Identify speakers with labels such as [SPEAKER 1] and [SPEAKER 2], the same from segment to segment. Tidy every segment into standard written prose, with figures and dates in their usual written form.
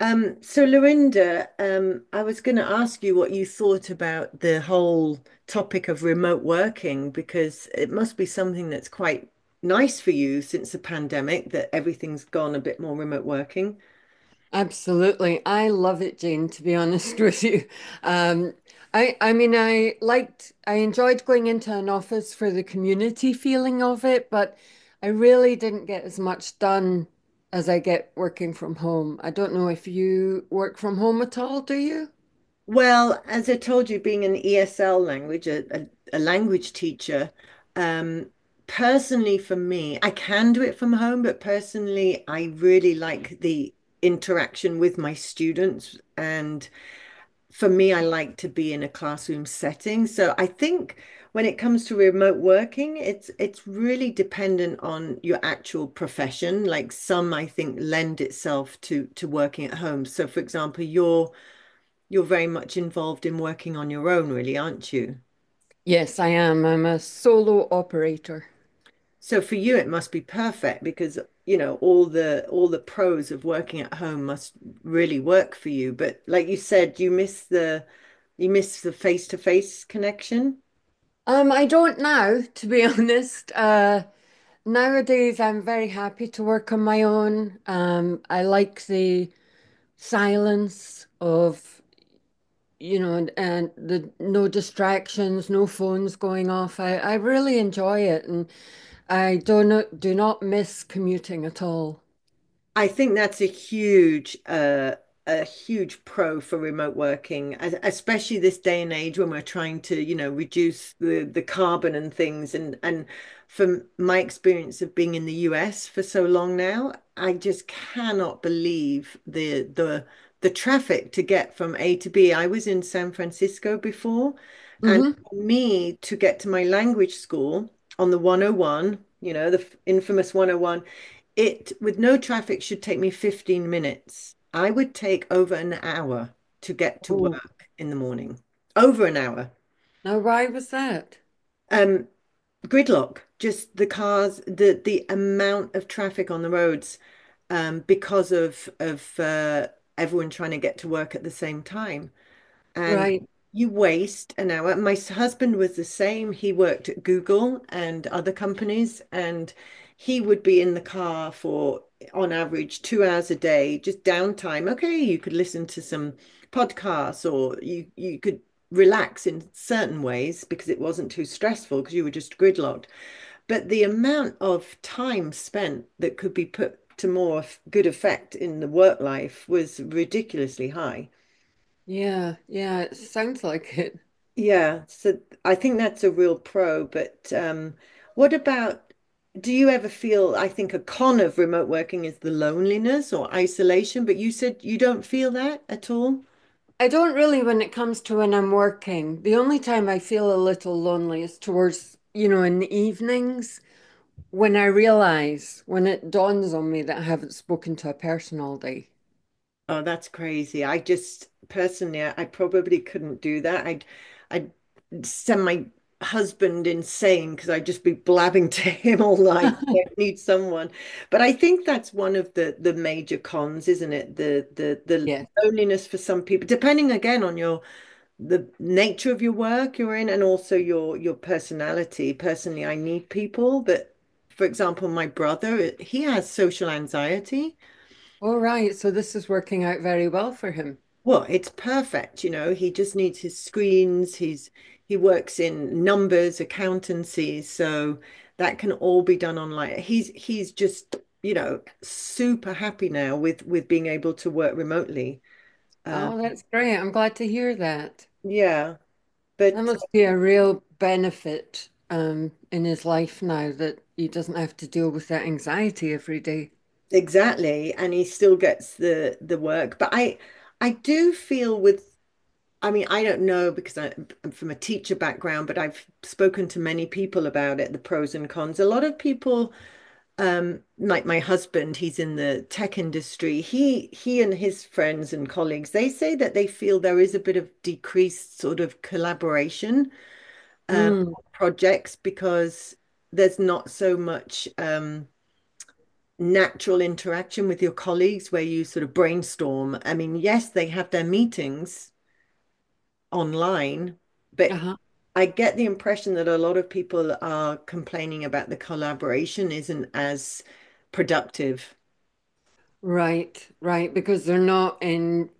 [SPEAKER 1] So Lorinda, I was going to ask you what you thought about the whole topic of remote working because it must be something that's quite nice for you since the pandemic that everything's gone a bit more remote working.
[SPEAKER 2] Absolutely. I love it, Jane, to be honest with you. Um, I enjoyed going into an office for the community feeling of it, but I really didn't get as much done as I get working from home. I don't know if you work from home at all, do you?
[SPEAKER 1] Well, as I told you, being an ESL language, a language teacher, um, personally for me, I can do it from home, but personally, I really like the interaction with my students, and for me, I like to be in a classroom setting. So I think when it comes to remote working, it's really dependent on your actual profession. Like some, I think, lend itself to working at home. So for example, you're very much involved in working on your own, really, aren't you?
[SPEAKER 2] Yes, I am. I'm a solo operator.
[SPEAKER 1] So for you, it must be perfect because you know all the pros of working at home must really work for you. But like you said, you miss the face-to-face connection.
[SPEAKER 2] I don't now, to be honest. Nowadays, I'm very happy to work on my own. I like the silence of and the no distractions, no phones going off. I really enjoy it, and I do not miss commuting at all.
[SPEAKER 1] I think that's a huge pro for remote working, especially this day and age when we're trying to, you know, reduce the carbon and things. And from my experience of being in the US for so long now, I just cannot believe the traffic to get from A to B. I was in San Francisco before, and
[SPEAKER 2] hmm
[SPEAKER 1] for me to get to my language school on the 101, you know, the infamous 101, it, with no traffic, should take me 15 minutes. I would take over an hour to get to
[SPEAKER 2] oh,
[SPEAKER 1] work in the morning. Over an hour.
[SPEAKER 2] now why was that?
[SPEAKER 1] Um, Gridlock, just the cars, the amount of traffic on the roads, because of everyone trying to get to work at the same time, and
[SPEAKER 2] Right.
[SPEAKER 1] you waste an hour. My husband was the same. He worked at Google and other companies, and he would be in the car for, on average, 2 hours a day, just downtime. Okay, you could listen to some podcasts, or you could relax in certain ways because it wasn't too stressful because you were just gridlocked. But the amount of time spent that could be put to more good effect in the work life was ridiculously high.
[SPEAKER 2] Yeah, yeah, it sounds like it.
[SPEAKER 1] Yeah, so I think that's a real pro, but what about, do you ever feel, I think a con of remote working is the loneliness or isolation, but you said you don't feel that at all?
[SPEAKER 2] I don't really, when it comes to when I'm working. The only time I feel a little lonely is towards, you know, in the evenings, when I realize, when it dawns on me that I haven't spoken to a person all day.
[SPEAKER 1] Oh, that's crazy. I just personally, I probably couldn't do that. I'd send my husband insane because I'd just be blabbing to him all night. I need someone. But I think that's one of the major cons, isn't it? The
[SPEAKER 2] Yes.
[SPEAKER 1] loneliness for some people, depending again on your the nature of your work you're in, and also your personality. Personally, I need people, but for example, my brother, he has social anxiety.
[SPEAKER 2] All right. So this is working out very well for him.
[SPEAKER 1] Well, it's perfect, you know. He just needs his screens. He works in numbers, accountancy, so that can all be done online. He's just, you know, super happy now with being able to work remotely. Um,
[SPEAKER 2] Oh, that's great. I'm glad to hear that.
[SPEAKER 1] yeah,
[SPEAKER 2] That
[SPEAKER 1] but
[SPEAKER 2] must be a real benefit, in his life now that he doesn't have to deal with that anxiety every day.
[SPEAKER 1] Exactly, and he still gets the work. But I do feel with, I mean, I don't know because I'm from a teacher background, but I've spoken to many people about it, the pros and cons. A lot of people, like my husband, he's in the tech industry, he and his friends and colleagues, they say that they feel there is a bit of decreased sort of collaboration, um
[SPEAKER 2] Mm.
[SPEAKER 1] projects, because there's not so much natural interaction with your colleagues where you sort of brainstorm. I mean, yes, they have their meetings online, but
[SPEAKER 2] Uh-huh.
[SPEAKER 1] I get the impression that a lot of people are complaining about the collaboration isn't as productive.
[SPEAKER 2] Right, right. Because they're not in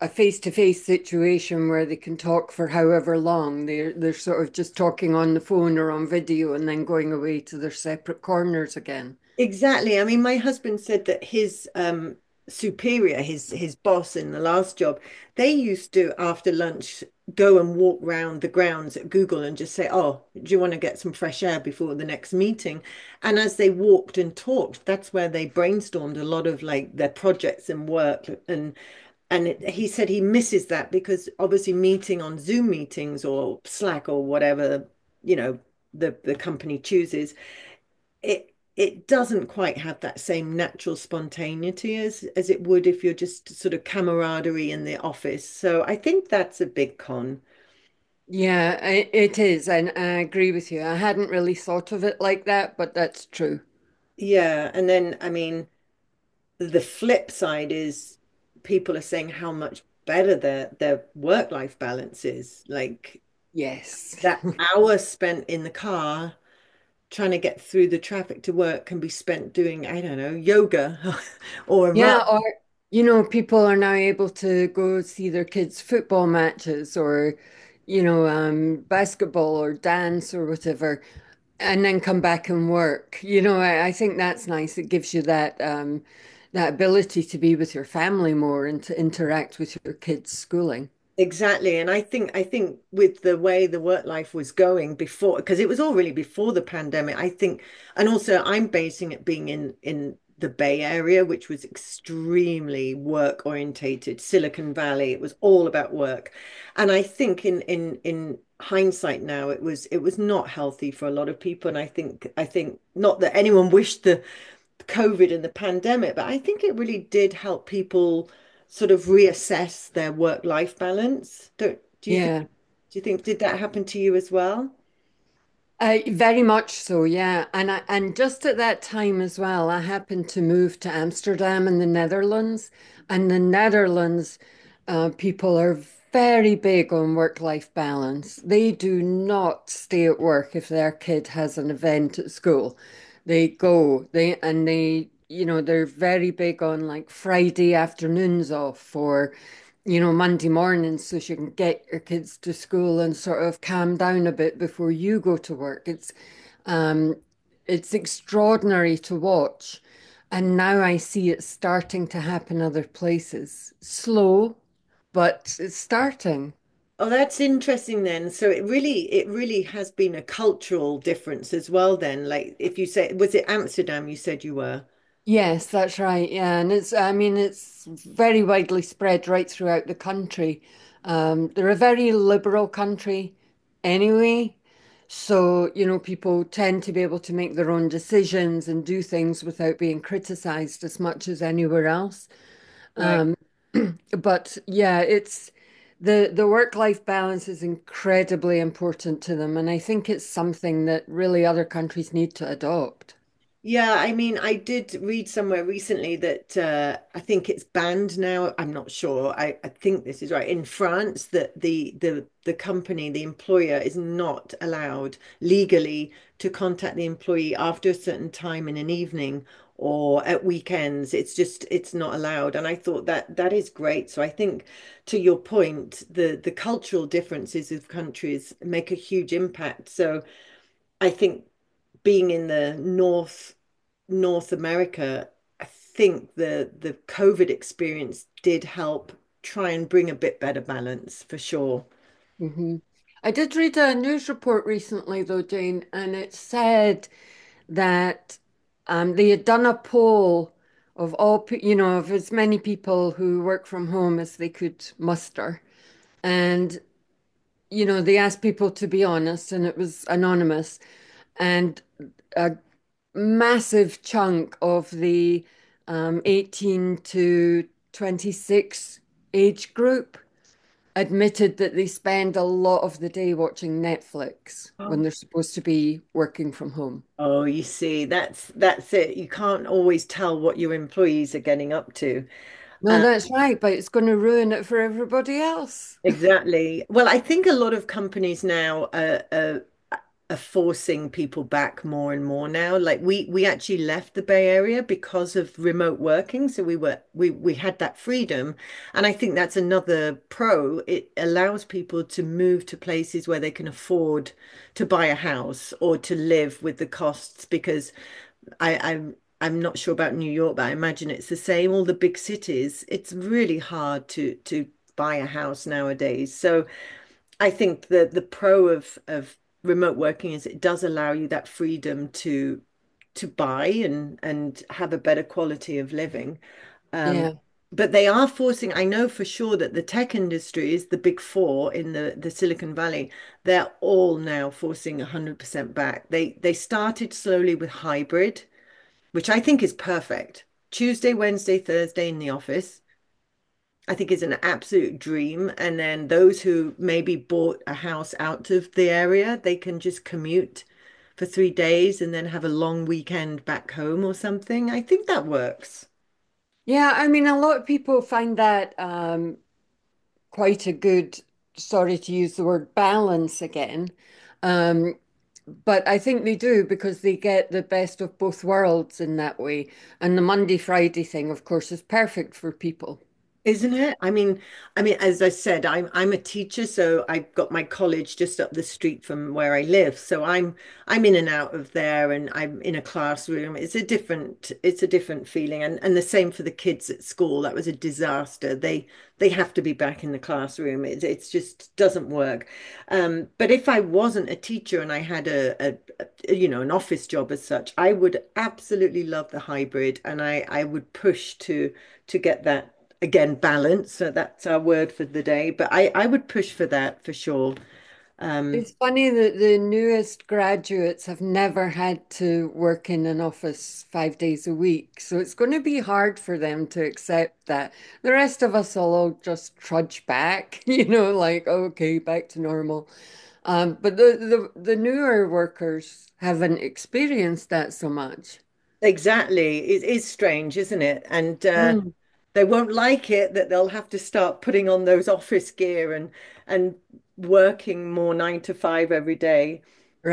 [SPEAKER 2] a face-to-face situation where they can talk for however long. They're sort of just talking on the phone or on video and then going away to their separate corners again.
[SPEAKER 1] Exactly. I mean, my husband said that his superior, his boss in the last job, they used to, after lunch, go and walk round the grounds at Google and just say, "Oh, do you want to get some fresh air before the next meeting?" And as they walked and talked, that's where they brainstormed a lot of like their projects and work. And he said he misses that because obviously meeting on Zoom meetings or Slack or whatever, you know, the company chooses, it doesn't quite have that same natural spontaneity as it would if you're just sort of camaraderie in the office. So I think that's a big con.
[SPEAKER 2] Yeah, it is, and I agree with you. I hadn't really thought of it like that, but that's true.
[SPEAKER 1] Yeah, and then, I mean, the flip side is people are saying how much better their work-life balance is. Like
[SPEAKER 2] Yes.
[SPEAKER 1] that hour spent in the car trying to get through the traffic to work can be spent doing, I don't know, yoga or a run.
[SPEAKER 2] Yeah, or you know, people are now able to go see their kids' football matches or, you know, basketball or dance or whatever, and then come back and work. You know, I think that's nice. It gives you that that ability to be with your family more and to interact with your kids' schooling.
[SPEAKER 1] Exactly. And I think with the way the work life was going before, because it was all really before the pandemic, I think, and also I'm basing it being in the Bay Area, which was extremely work orientated, Silicon Valley, it was all about work. And I think in hindsight now, it was not healthy for a lot of people. And I think, not that anyone wished the COVID and the pandemic, but I think it really did help people sort of reassess their work-life balance. Don't, Do you think,
[SPEAKER 2] Yeah.
[SPEAKER 1] do you think, did that happen to you as well?
[SPEAKER 2] Very much so, yeah. And just at that time as well, I happened to move to Amsterdam in the Netherlands. And the Netherlands, people are very big on work-life balance. They do not stay at work if their kid has an event at school. They go, they and they, you know, they're very big on like Friday afternoons off, or you know, Monday morning so she can get your kids to school and sort of calm down a bit before you go to work. Um, it's extraordinary to watch. And now I see it starting to happen other places. Slow, but it's starting.
[SPEAKER 1] Oh, that's interesting then. So it really has been a cultural difference as well then. Like, if you say, was it Amsterdam you said you were?
[SPEAKER 2] Yes, that's right. Yeah, and it's, I mean, it's very widely spread right throughout the country. They're a very liberal country anyway, so you know, people tend to be able to make their own decisions and do things without being criticized as much as anywhere else.
[SPEAKER 1] Right.
[SPEAKER 2] Um, but yeah, it's, the work-life balance is incredibly important to them, and I think it's something that really other countries need to adopt.
[SPEAKER 1] Yeah, I mean, I did read somewhere recently that, I think it's banned now. I'm not sure. I think this is right. In France, that the company, the employer, is not allowed legally to contact the employee after a certain time in an evening or at weekends. It's just, it's not allowed. And I thought that that is great. So I think, to your point, the cultural differences of countries make a huge impact. So I think being in the north North America, I think the COVID experience did help try and bring a bit better balance for sure.
[SPEAKER 2] hmm I did read a news report recently, though, Jane, and it said that they had done a poll of you know, of as many people who work from home as they could muster. And, you know, they asked people to be honest, and it was anonymous. And a massive chunk of the 18 to 26 age group admitted that they spend a lot of the day watching Netflix
[SPEAKER 1] Oh.
[SPEAKER 2] when they're supposed to be working from home.
[SPEAKER 1] Oh, you see, that's it. You can't always tell what your employees are getting up to.
[SPEAKER 2] No, that's right, but it's going to ruin it for everybody else.
[SPEAKER 1] Exactly. Well, I think a lot of companies now are forcing people back more and more now. Like we actually left the Bay Area because of remote working, so we had that freedom, and I think that's another pro. It allows people to move to places where they can afford to buy a house or to live with the costs, because I'm not sure about New York, but I imagine it's the same. All the big cities, it's really hard to buy a house nowadays. So I think the pro of remote working is it does allow you that freedom to buy and have a better quality of living.
[SPEAKER 2] Yeah.
[SPEAKER 1] But they are forcing, I know for sure, that the tech industry is the big four in the Silicon Valley. They're all now forcing 100% back. They started slowly with hybrid, which I think is perfect. Tuesday, Wednesday, Thursday in the office I think is an absolute dream. And then those who maybe bought a house out of the area, they can just commute for 3 days and then have a long weekend back home or something. I think that works.
[SPEAKER 2] Yeah, I mean, a lot of people find that quite a good, sorry to use the word balance again. Um, but I think they do because they get the best of both worlds in that way. And the Monday Friday thing, of course, is perfect for people.
[SPEAKER 1] Isn't it? I mean, as I said, I'm a teacher, so I've got my college just up the street from where I live. So I'm in and out of there, and I'm in a classroom. It's a different feeling. And the same for the kids at school. That was a disaster. They have to be back in the classroom. It's just, doesn't work. But if I wasn't a teacher and I had you know, an office job as such, I would absolutely love the hybrid, and I would push to get that, again, balance. So that's our word for the day. But I would push for that for sure. Um,
[SPEAKER 2] It's funny that the newest graduates have never had to work in an office 5 days a week. So it's going to be hard for them to accept that. The rest of us will all just trudge back, you know, like, okay, back to normal. But the newer workers haven't experienced that so much.
[SPEAKER 1] exactly, it is strange, isn't it? And
[SPEAKER 2] Mm.
[SPEAKER 1] They won't like it that they'll have to start putting on those office gear and and working more nine to five every day.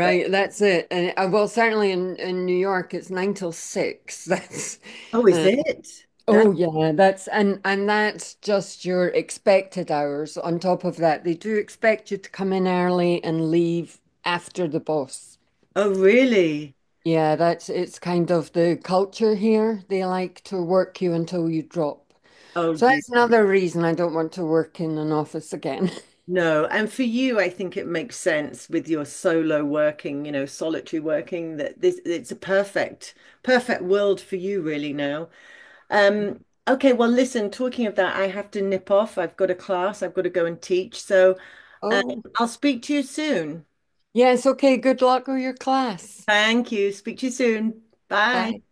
[SPEAKER 1] But
[SPEAKER 2] that's it. And well, certainly in New York, it's 9 till 6. That's
[SPEAKER 1] oh, is
[SPEAKER 2] uh,
[SPEAKER 1] it? That,
[SPEAKER 2] oh yeah, that's, and that's just your expected hours. On top of that, they do expect you to come in early and leave after the boss.
[SPEAKER 1] oh, really?
[SPEAKER 2] Yeah, that's, it's kind of the culture here. They like to work you until you drop.
[SPEAKER 1] Oh,
[SPEAKER 2] So
[SPEAKER 1] dear.
[SPEAKER 2] that's another reason I don't want to work in an office again.
[SPEAKER 1] No. And for you, I think it makes sense with your solo working, you know, solitary working, that this, it's a perfect, perfect world for you really now. Okay, well, listen, talking of that, I have to nip off. I've got a class, I've got to go and teach. So, um,
[SPEAKER 2] Oh,
[SPEAKER 1] I'll speak to you soon.
[SPEAKER 2] yes, okay, good luck with your class.
[SPEAKER 1] Thank you. Speak to you soon. Bye.
[SPEAKER 2] Bye.